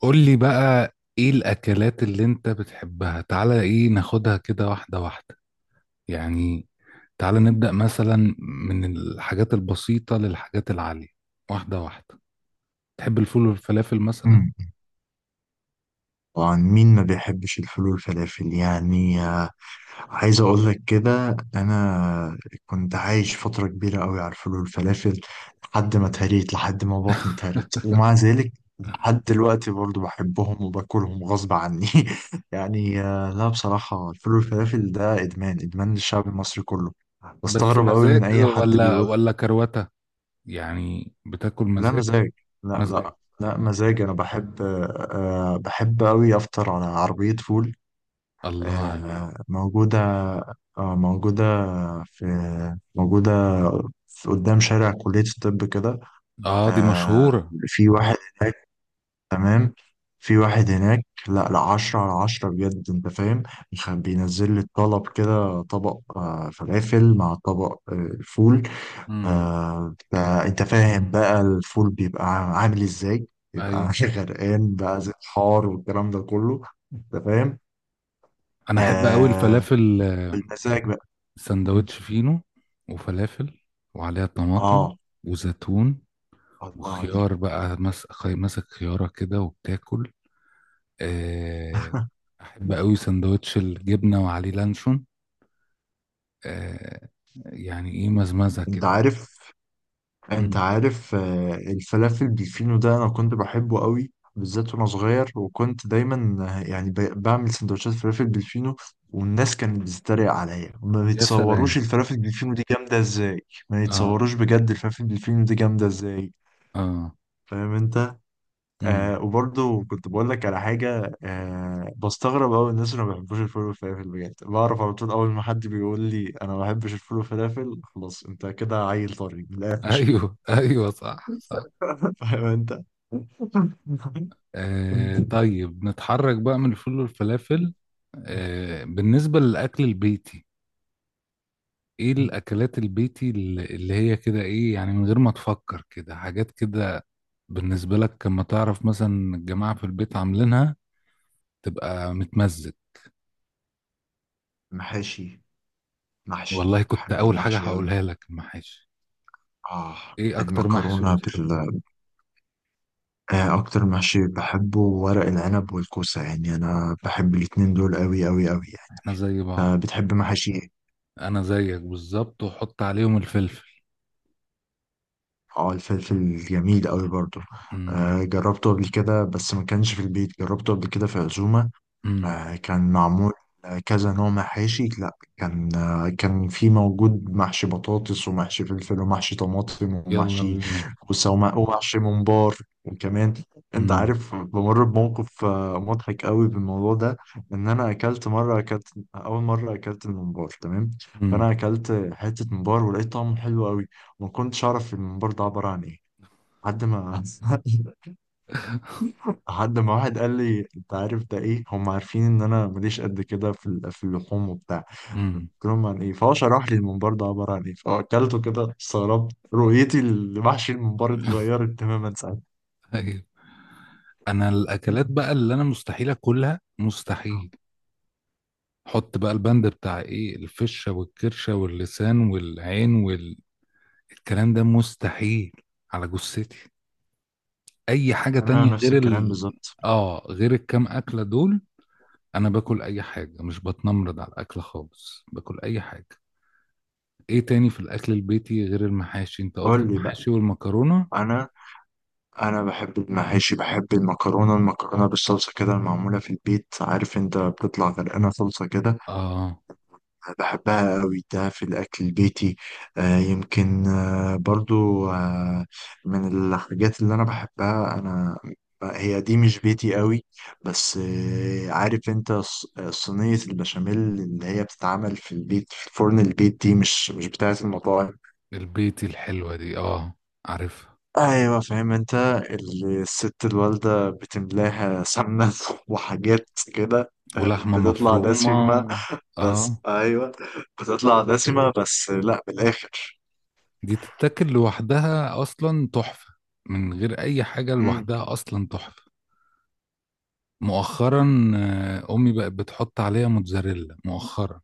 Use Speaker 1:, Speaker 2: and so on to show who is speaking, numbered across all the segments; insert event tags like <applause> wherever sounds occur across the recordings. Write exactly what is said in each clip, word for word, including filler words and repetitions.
Speaker 1: قول لي بقى ايه الاكلات اللي انت بتحبها؟ تعالى ايه ناخدها كده واحدة واحدة، يعني تعالى نبدأ مثلا من الحاجات البسيطة للحاجات العالية، واحدة واحدة. تحب الفول والفلافل مثلا؟
Speaker 2: مم. طبعا، مين ما بيحبش الفول والفلافل؟ يعني آه، عايز اقول لك كده انا كنت عايش فتره كبيره قوي على الفول والفلافل، لحد ما
Speaker 1: مم.
Speaker 2: اتهريت، لحد ما بطني اتهرت، ومع ذلك لحد دلوقتي برضو بحبهم وباكلهم غصب عني. <laughs> يعني آه، لا، بصراحه الفول والفلافل ده ادمان، ادمان للشعب المصري كله.
Speaker 1: بس
Speaker 2: بستغرب قوي من
Speaker 1: مزاج
Speaker 2: اي حد
Speaker 1: ولا
Speaker 2: بيقول.
Speaker 1: ولا كروتة؟ يعني بتاكل
Speaker 2: لا،
Speaker 1: مزاج؟
Speaker 2: مزاج. لا
Speaker 1: مزاج.
Speaker 2: لا لا، مزاج. انا بحب. آه، آه، بحب قوي افطر على عربيه فول.
Speaker 1: الله عليك.
Speaker 2: آه، موجودة. آه، موجودة في موجودة في قدام شارع كلية الطب كده.
Speaker 1: اه، دي
Speaker 2: آه،
Speaker 1: مشهورة.
Speaker 2: في واحد هناك، تمام. في واحد هناك، لا لا، عشرة على عشرة بجد، انت فاهم. بيخ- بينزل لي الطلب كده، طبق آه، فلافل مع طبق آه، فول.
Speaker 1: امم.
Speaker 2: آه، ده انت فاهم بقى الفول بيبقى عامل ازاي؟ بيبقى
Speaker 1: ايوه.
Speaker 2: <laughs> غرقان بقى، زي الحار والكلام ده كله. انت فاهم.
Speaker 1: انا احب قوي
Speaker 2: آه.
Speaker 1: الفلافل،
Speaker 2: بالمزاج بقى. مم.
Speaker 1: سندوتش فينو وفلافل وعليها طماطم
Speaker 2: اه.
Speaker 1: وزيتون
Speaker 2: الله عليك.
Speaker 1: وخيار بقى، مس- خي- ماسك خيارة كده وبتاكل، آه.
Speaker 2: <laughs>
Speaker 1: أحب أوي سندوتش الجبنة وعليه لانشون، آه، يعني إيه، مزمزة
Speaker 2: انت
Speaker 1: كده.
Speaker 2: عارف انت
Speaker 1: مم.
Speaker 2: عارف آه، الفلافل بالفينو ده انا كنت بحبه قوي بالذات وانا صغير، وكنت دايما آه، يعني ب- بعمل سندوتشات فلافل بالفينو. والناس كانت بتتريق عليا، ما
Speaker 1: يا
Speaker 2: يتصوروش
Speaker 1: سلام.
Speaker 2: الفلافل بالفينو دي جامده ازاي. ما
Speaker 1: آه.
Speaker 2: يتصوروش بجد الفلافل بالفينو دي جامده ازاي.
Speaker 1: آه.
Speaker 2: فاهم انت. آه،
Speaker 1: مم.
Speaker 2: وبرضه كنت بقول لك على حاجة. آه بستغرب أوي الناس اللي ما بيحبوش الفول والفلافل، بجد بعرف على طول. أول ما حد بيقول لي أنا ما بحبش الفول والفلافل، خلاص أنت كده عيل طري من الآخر.
Speaker 1: أيوه <laughs> أيوه، صح صح.
Speaker 2: <laughs> فاهم أنت.
Speaker 1: آه، طيب نتحرك بقى من الفول والفلافل. آه، بالنسبة للأكل البيتي، ايه الاكلات البيتي اللي اللي هي كده ايه يعني، من غير ما تفكر كده حاجات كده، بالنسبة لك لما تعرف مثلا الجماعة في البيت عاملينها تبقى متمزج.
Speaker 2: محاشي. محشي
Speaker 1: والله كنت
Speaker 2: بحب
Speaker 1: اول حاجة
Speaker 2: المحشي أوي.
Speaker 1: هقولها لك المحاشي.
Speaker 2: آه.
Speaker 1: ايه اكتر محشي
Speaker 2: المكرونة
Speaker 1: بتحبه؟
Speaker 2: بال آه أكتر محشي بحبه ورق العنب والكوسة، يعني أنا بحب الاتنين دول أوي أوي أوي يعني.
Speaker 1: احنا زي
Speaker 2: آه،
Speaker 1: بعض.
Speaker 2: بتحب محاشي إيه؟
Speaker 1: انا زيك بالظبط، وحط عليهم الفلفل.
Speaker 2: اه، الفلفل جميل قوي برضه.
Speaker 1: امم
Speaker 2: آه، جربته قبل كده بس ما كانش في البيت، جربته قبل كده في عزومة.
Speaker 1: امم.
Speaker 2: آه، كان معمول كذا نوع محاشي. لا، كان آه، كان في موجود محشي بطاطس ومحشي فلفل ومحشي طماطم
Speaker 1: يلا
Speaker 2: ومحشي
Speaker 1: بينا.
Speaker 2: كوسة وم- ومحشي ممبار، وكمان انت
Speaker 1: امم.
Speaker 2: عارف، بمر بموقف آه، مضحك قوي بالموضوع ده. ان انا اكلت مره، اكلت اول مره اكلت الممبار، تمام.
Speaker 1: امم.
Speaker 2: فانا اكلت حته ممبار ولقيت طعمه حلو قوي، وما كنتش اعرف الممبار ده عباره عن ايه، لحد ما <laughs> لحد ما واحد قال لي انت عارف ده ايه؟ هم عارفين ان انا ماليش قد كده في ال- في اللحوم وبتاع. قلت
Speaker 1: امم.
Speaker 2: لهم عن ايه، فهو شرح لي الممبار ده عباره عن ايه، فاكلته كده استغربت. رؤيتي لمحشي الممبار
Speaker 1: <laughs>
Speaker 2: اتغيرت تماما ساعتها.
Speaker 1: ايوه. انا الاكلات بقى اللي انا مستحيل اكلها، مستحيل، حط بقى البند بتاع ايه، الفشة والكرشة واللسان والعين والكلام ده، مستحيل، على جثتي. اي حاجة
Speaker 2: انا
Speaker 1: تانية
Speaker 2: نفس
Speaker 1: غير
Speaker 2: الكلام
Speaker 1: ال
Speaker 2: بالظبط.
Speaker 1: اه، غير الكام اكلة دول. انا باكل اي حاجة، مش بتنمرض على الاكل خالص، باكل اي حاجة. ايه تاني في الاكل البيتي غير المحاشي؟ انت قلت
Speaker 2: قول لي بقى.
Speaker 1: المحاشي والمكرونة.
Speaker 2: انا انا بحب المحاشي، بحب المكرونه المكرونه بالصلصه كده، المعموله في البيت، عارف انت بتطلع غرقانه صلصه كده،
Speaker 1: اه،
Speaker 2: بحبها قوي. ده في الأكل البيتي. آه يمكن آه برضو آه من الحاجات اللي أنا بحبها أنا، هي دي مش بيتي قوي. بس آه عارف أنت ص- صينية البشاميل اللي هي بتتعمل في البيت في فرن البيت، دي مش مش بتاعة المطاعم.
Speaker 1: البيتي الحلوة دي، اه، عارفها.
Speaker 2: أيوة، فاهم أنت. ال- الست الوالدة بتملاها سمنة <laughs> وحاجات كده، آه،
Speaker 1: ولحمة
Speaker 2: بتطلع
Speaker 1: مفرومة.
Speaker 2: دسمة.
Speaker 1: اه.
Speaker 2: بس أيوة، بتطلع دسمة بس لا بالآخر.
Speaker 1: دي تتاكل لوحدها اصلا، تحفة، من غير اي حاجة،
Speaker 2: امم.
Speaker 1: لوحدها اصلا تحفة. مؤخرا، آه، امي بقت بتحط عليها موتزاريلا مؤخرا،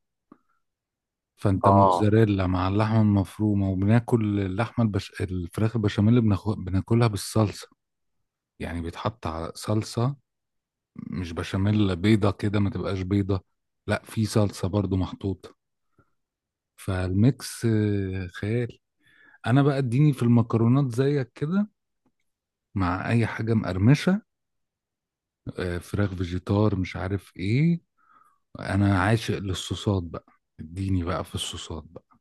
Speaker 1: فانت
Speaker 2: اه.
Speaker 1: موتزاريلا مع اللحمة المفرومة. وبناكل اللحمة البش... الفراخ البشاميل بناخ... بناكلها بالصلصة، يعني بيتحط على صلصة، مش بشاميل بيضة كده، ما تبقاش بيضة، لا في صلصة برضو محطوطة، فالميكس آه، خيال. انا بقى اديني في المكرونات زيك كده، مع اي حاجة مقرمشة، آه، فراخ، فيجيتار، مش عارف ايه. انا عاشق للصوصات بقى، اديني بقى في الصوصات بقى،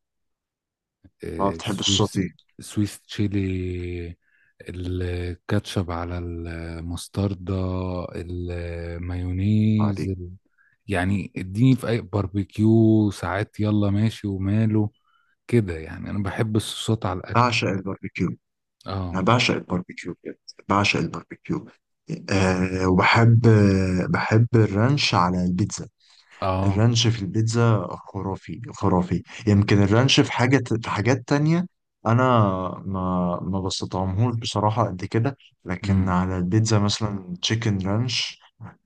Speaker 2: ما
Speaker 1: آه،
Speaker 2: بتحب
Speaker 1: سويس،
Speaker 2: السوتي؟
Speaker 1: سويس تشيلي، الكاتشب على المستردة،
Speaker 2: آه،
Speaker 1: المايونيز
Speaker 2: دي.
Speaker 1: ال... يعني اديني في اي باربيكيو، ساعات يلا ماشي وماله، كده يعني انا بحب الصوصات على الاكل.
Speaker 2: بعشق الباربيكيو،
Speaker 1: اه.
Speaker 2: يعني بعشق الباربيكيو بجد، بعشق الباربيكيو. آه، وبحب آه بحب الرانش على البيتزا.
Speaker 1: اه.
Speaker 2: الرانش في البيتزا خرافي خرافي. يمكن الرانش في حاجة، في حاجات تانية انا ما ما بستطعمهوش بصراحة قد كده، لكن
Speaker 1: امم.
Speaker 2: على البيتزا مثلا تشيكن رانش.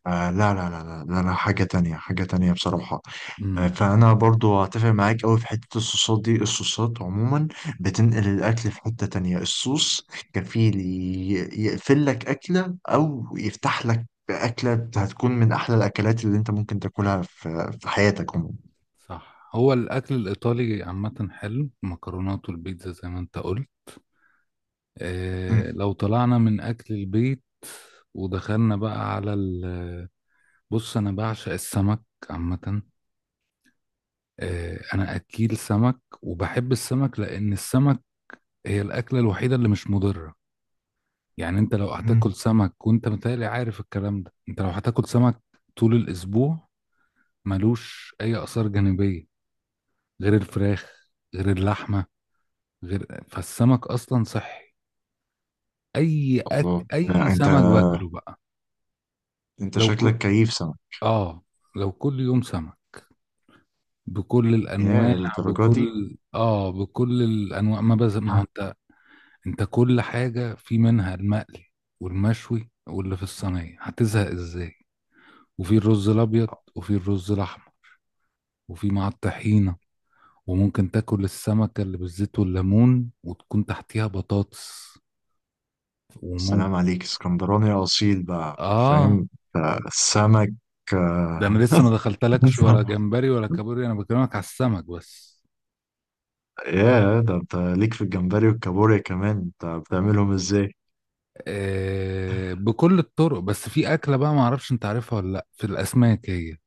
Speaker 2: آه، لا لا لا لا لا لا، حاجة تانية، حاجة تانية بصراحة.
Speaker 1: امم.
Speaker 2: فانا برضو هتفق معاك قوي في حته الصوصات دي. الصوصات عموما بتنقل الاكل في حته تانية. الصوص كفيل ي- يقفل لك اكله او يفتح لك اكله. هتكون من احلى الاكلات اللي انت ممكن تاكلها في في حياتك عموما.
Speaker 1: صح. هو الاكل الايطالي عامه حلو، مكرونات والبيتزا زي ما انت قلت.
Speaker 2: أمم،
Speaker 1: آه، لو طلعنا من أكل البيت ودخلنا بقى على ال بص، أنا بعشق السمك عامة. آه، أنا أكيل سمك، وبحب السمك لأن السمك هي الأكلة الوحيدة اللي مش مضرة، يعني أنت لو
Speaker 2: أمم.
Speaker 1: هتاكل سمك، وأنت متهيألي عارف الكلام ده، أنت لو هتاكل سمك طول الأسبوع، ملوش أي آثار جانبية، غير الفراخ، غير اللحمة، غير، فالسمك أصلا صحي. أي أك...
Speaker 2: الله،
Speaker 1: أي
Speaker 2: لا، انت
Speaker 1: سمك باكله بقى.
Speaker 2: انت
Speaker 1: لو
Speaker 2: شكلك
Speaker 1: ك...
Speaker 2: كيف سمك؟
Speaker 1: اه، لو كل يوم سمك، بكل
Speaker 2: يا
Speaker 1: الانواع،
Speaker 2: الدرجه دي!
Speaker 1: بكل اه بكل الانواع، ما بز ما هو
Speaker 2: ها.
Speaker 1: انت، انت كل حاجه في منها، المقلي والمشوي واللي في الصينيه، هتزهق ازاي، وفي الرز الابيض، وفي الرز الاحمر، وفي مع الطحينه، وممكن تاكل السمكه اللي بالزيت والليمون وتكون تحتيها بطاطس، وممكن.
Speaker 2: سلام عليك، اسكندراني اصيل بقى.
Speaker 1: اه،
Speaker 2: فاهم. آه، سمك.
Speaker 1: ده انا
Speaker 2: آه،
Speaker 1: لسه ما دخلتلكش ولا
Speaker 2: <laughs>
Speaker 1: جمبري ولا كابوري، انا بكلمك على السمك بس.
Speaker 2: يا ده، انت ليك في الجمبري والكابوريا كمان، انت بتعملهم ازاي؟
Speaker 1: آه، بكل الطرق، بس في أكلة بقى معرفش أنت عارفها ولا لأ في الأسماك، هي،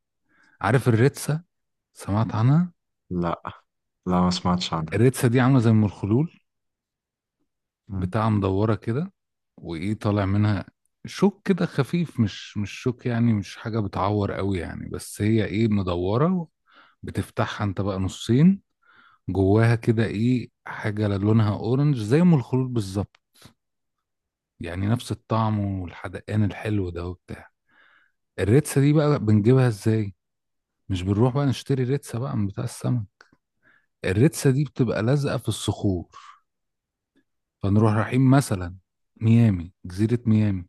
Speaker 1: عارف الريتسا؟ سمعت عنها؟
Speaker 2: لا لا، ما سمعتش عنها.
Speaker 1: الريتسا دي عاملة زي المرخلول
Speaker 2: مم.
Speaker 1: بتاعة، مدورة كده، وإيه طالع منها؟ شوك كده خفيف، مش مش شوك يعني، مش حاجة بتعور قوي يعني، بس هي إيه، مدورة. بتفتحها أنت بقى نصين، جواها كده إيه، حاجة لونها أورنج زي أم الخلول بالظبط، يعني نفس الطعم والحدقان الحلو ده وبتاع. الريتسا دي بقى بنجيبها إزاي؟ مش بنروح بقى نشتري ريتسا بقى من بتاع السمك، الريتسا دي بتبقى لازقة في الصخور، فنروح رايحين مثلا ميامي، جزيرة ميامي،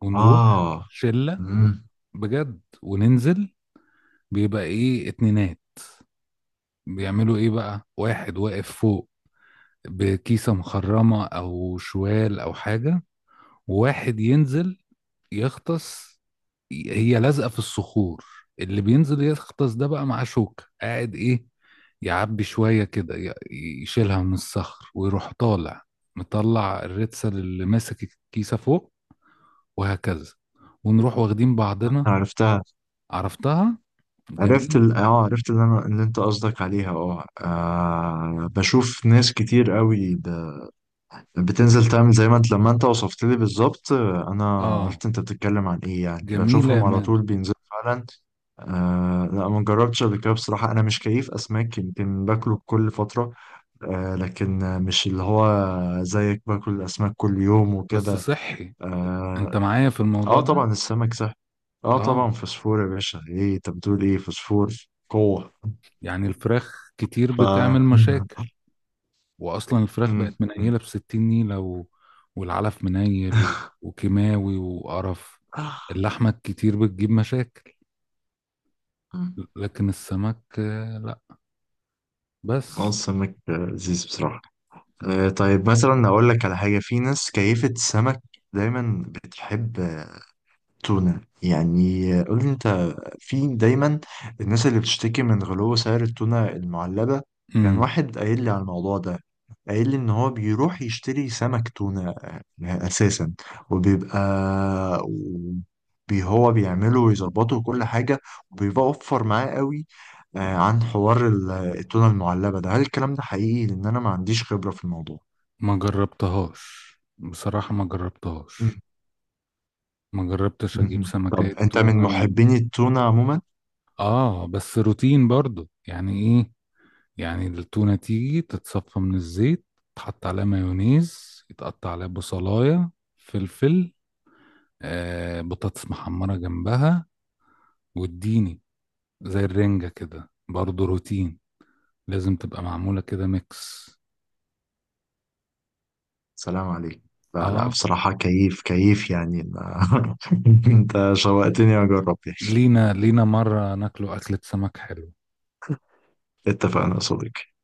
Speaker 1: ونروح
Speaker 2: اه.
Speaker 1: شلة
Speaker 2: مم.
Speaker 1: بجد، وننزل، بيبقى ايه، اتنينات، بيعملوا ايه بقى، واحد واقف فوق بكيسة مخرمة او شوال او حاجة، وواحد ينزل يغطس، هي لازقة في الصخور، اللي بينزل يغطس ده بقى معاه شوكة، قاعد ايه، يعبي شوية كده، ي- يشيلها من الصخر ويروح طالع، مطلع الريتسل اللي ماسك الكيسة فوق، وهكذا، ونروح واخدين بعضنا.
Speaker 2: عرفتها.
Speaker 1: عرفتها.
Speaker 2: عرفت
Speaker 1: جميل.
Speaker 2: ال... اه، عرفت اللي انا اللي انت قصدك عليها. اه. آه، بشوف ناس كتير قوي ب... بتنزل تعمل زي ما انت لما انت وصفت لي بالظبط. آه، انا
Speaker 1: اه،
Speaker 2: عرفت انت بتتكلم عن ايه، يعني
Speaker 1: جميلة يا
Speaker 2: بشوفهم على طول
Speaker 1: مادة.
Speaker 2: بينزلوا فعلا. آه، لا، ما جربتش قبل كده بصراحة، أنا مش كيف أسماك، يمكن باكله بكل فترة. آه، لكن آه، مش اللي هو زيك، باكل الأسماك كل يوم
Speaker 1: بس
Speaker 2: وكده.
Speaker 1: صحي، انت
Speaker 2: آه.
Speaker 1: معايا في
Speaker 2: آه،
Speaker 1: الموضوع ده.
Speaker 2: طبعا السمك صح. آه، طبعا
Speaker 1: اه،
Speaker 2: فوسفور يا باشا، إيه أنت بتقول إيه؟ فوسفور، قوة.
Speaker 1: يعني الفراخ كتير
Speaker 2: ف
Speaker 1: بتعمل
Speaker 2: <laughs>
Speaker 1: مشاكل، واصلا الفراخ بقت
Speaker 2: مم، مم.
Speaker 1: منيله بستين نيله، و... والعلف منيل، و... وكيماوي وقرف،
Speaker 2: اه.
Speaker 1: اللحمه الكتير بتجيب مشاكل، لكن السمك آه، لا. بس.
Speaker 2: السمك لذيذ بصراحة. آه، طيب مثلا أقول لك على حاجة، في ناس كيفة السمك دايما بتحب آه، تونة يعني. آه، قول لي أنت، في دايما الناس اللي بتشتكي من غلو سعر التونة المعلبة. كان
Speaker 1: امم.
Speaker 2: واحد قايل لي على الموضوع ده، قايل لي ان هو بيروح يشتري سمك تونة آه، اساسا، وبيبقى بي هو بيعمله ويظبطه وكل حاجة، وبيبقى اوفر معاه قوي آه، عن حوار ال- التونة المعلبة ده. هل الكلام ده حقيقي؟ لان انا ما عنديش خبرة في الموضوع.
Speaker 1: ما جربتهاش بصراحه، ما جربتهاش،
Speaker 2: مم.
Speaker 1: ما جربتش اجيب
Speaker 2: مهم. طب
Speaker 1: سمكات
Speaker 2: انت من
Speaker 1: تونه و...
Speaker 2: محبين التونة عموما؟
Speaker 1: اه، بس روتين برضو، يعني ايه، يعني التونه تيجي تتصفى من الزيت، تحط عليها مايونيز يتقطع عليها بصلايه، فلفل، آه بطاطس محمرة جنبها، واديني زي الرنجة كده برضه روتين، لازم تبقى معمولة كده ميكس.
Speaker 2: سلام عليك. لا لا،
Speaker 1: اه.
Speaker 2: بصراحة كيف كيف يعني ما- <laughs> انت شوقتني اجرب يعني.
Speaker 1: لينا لينا مرة ناكله أكلة سمك حلو.
Speaker 2: اتفقنا يا صديقي.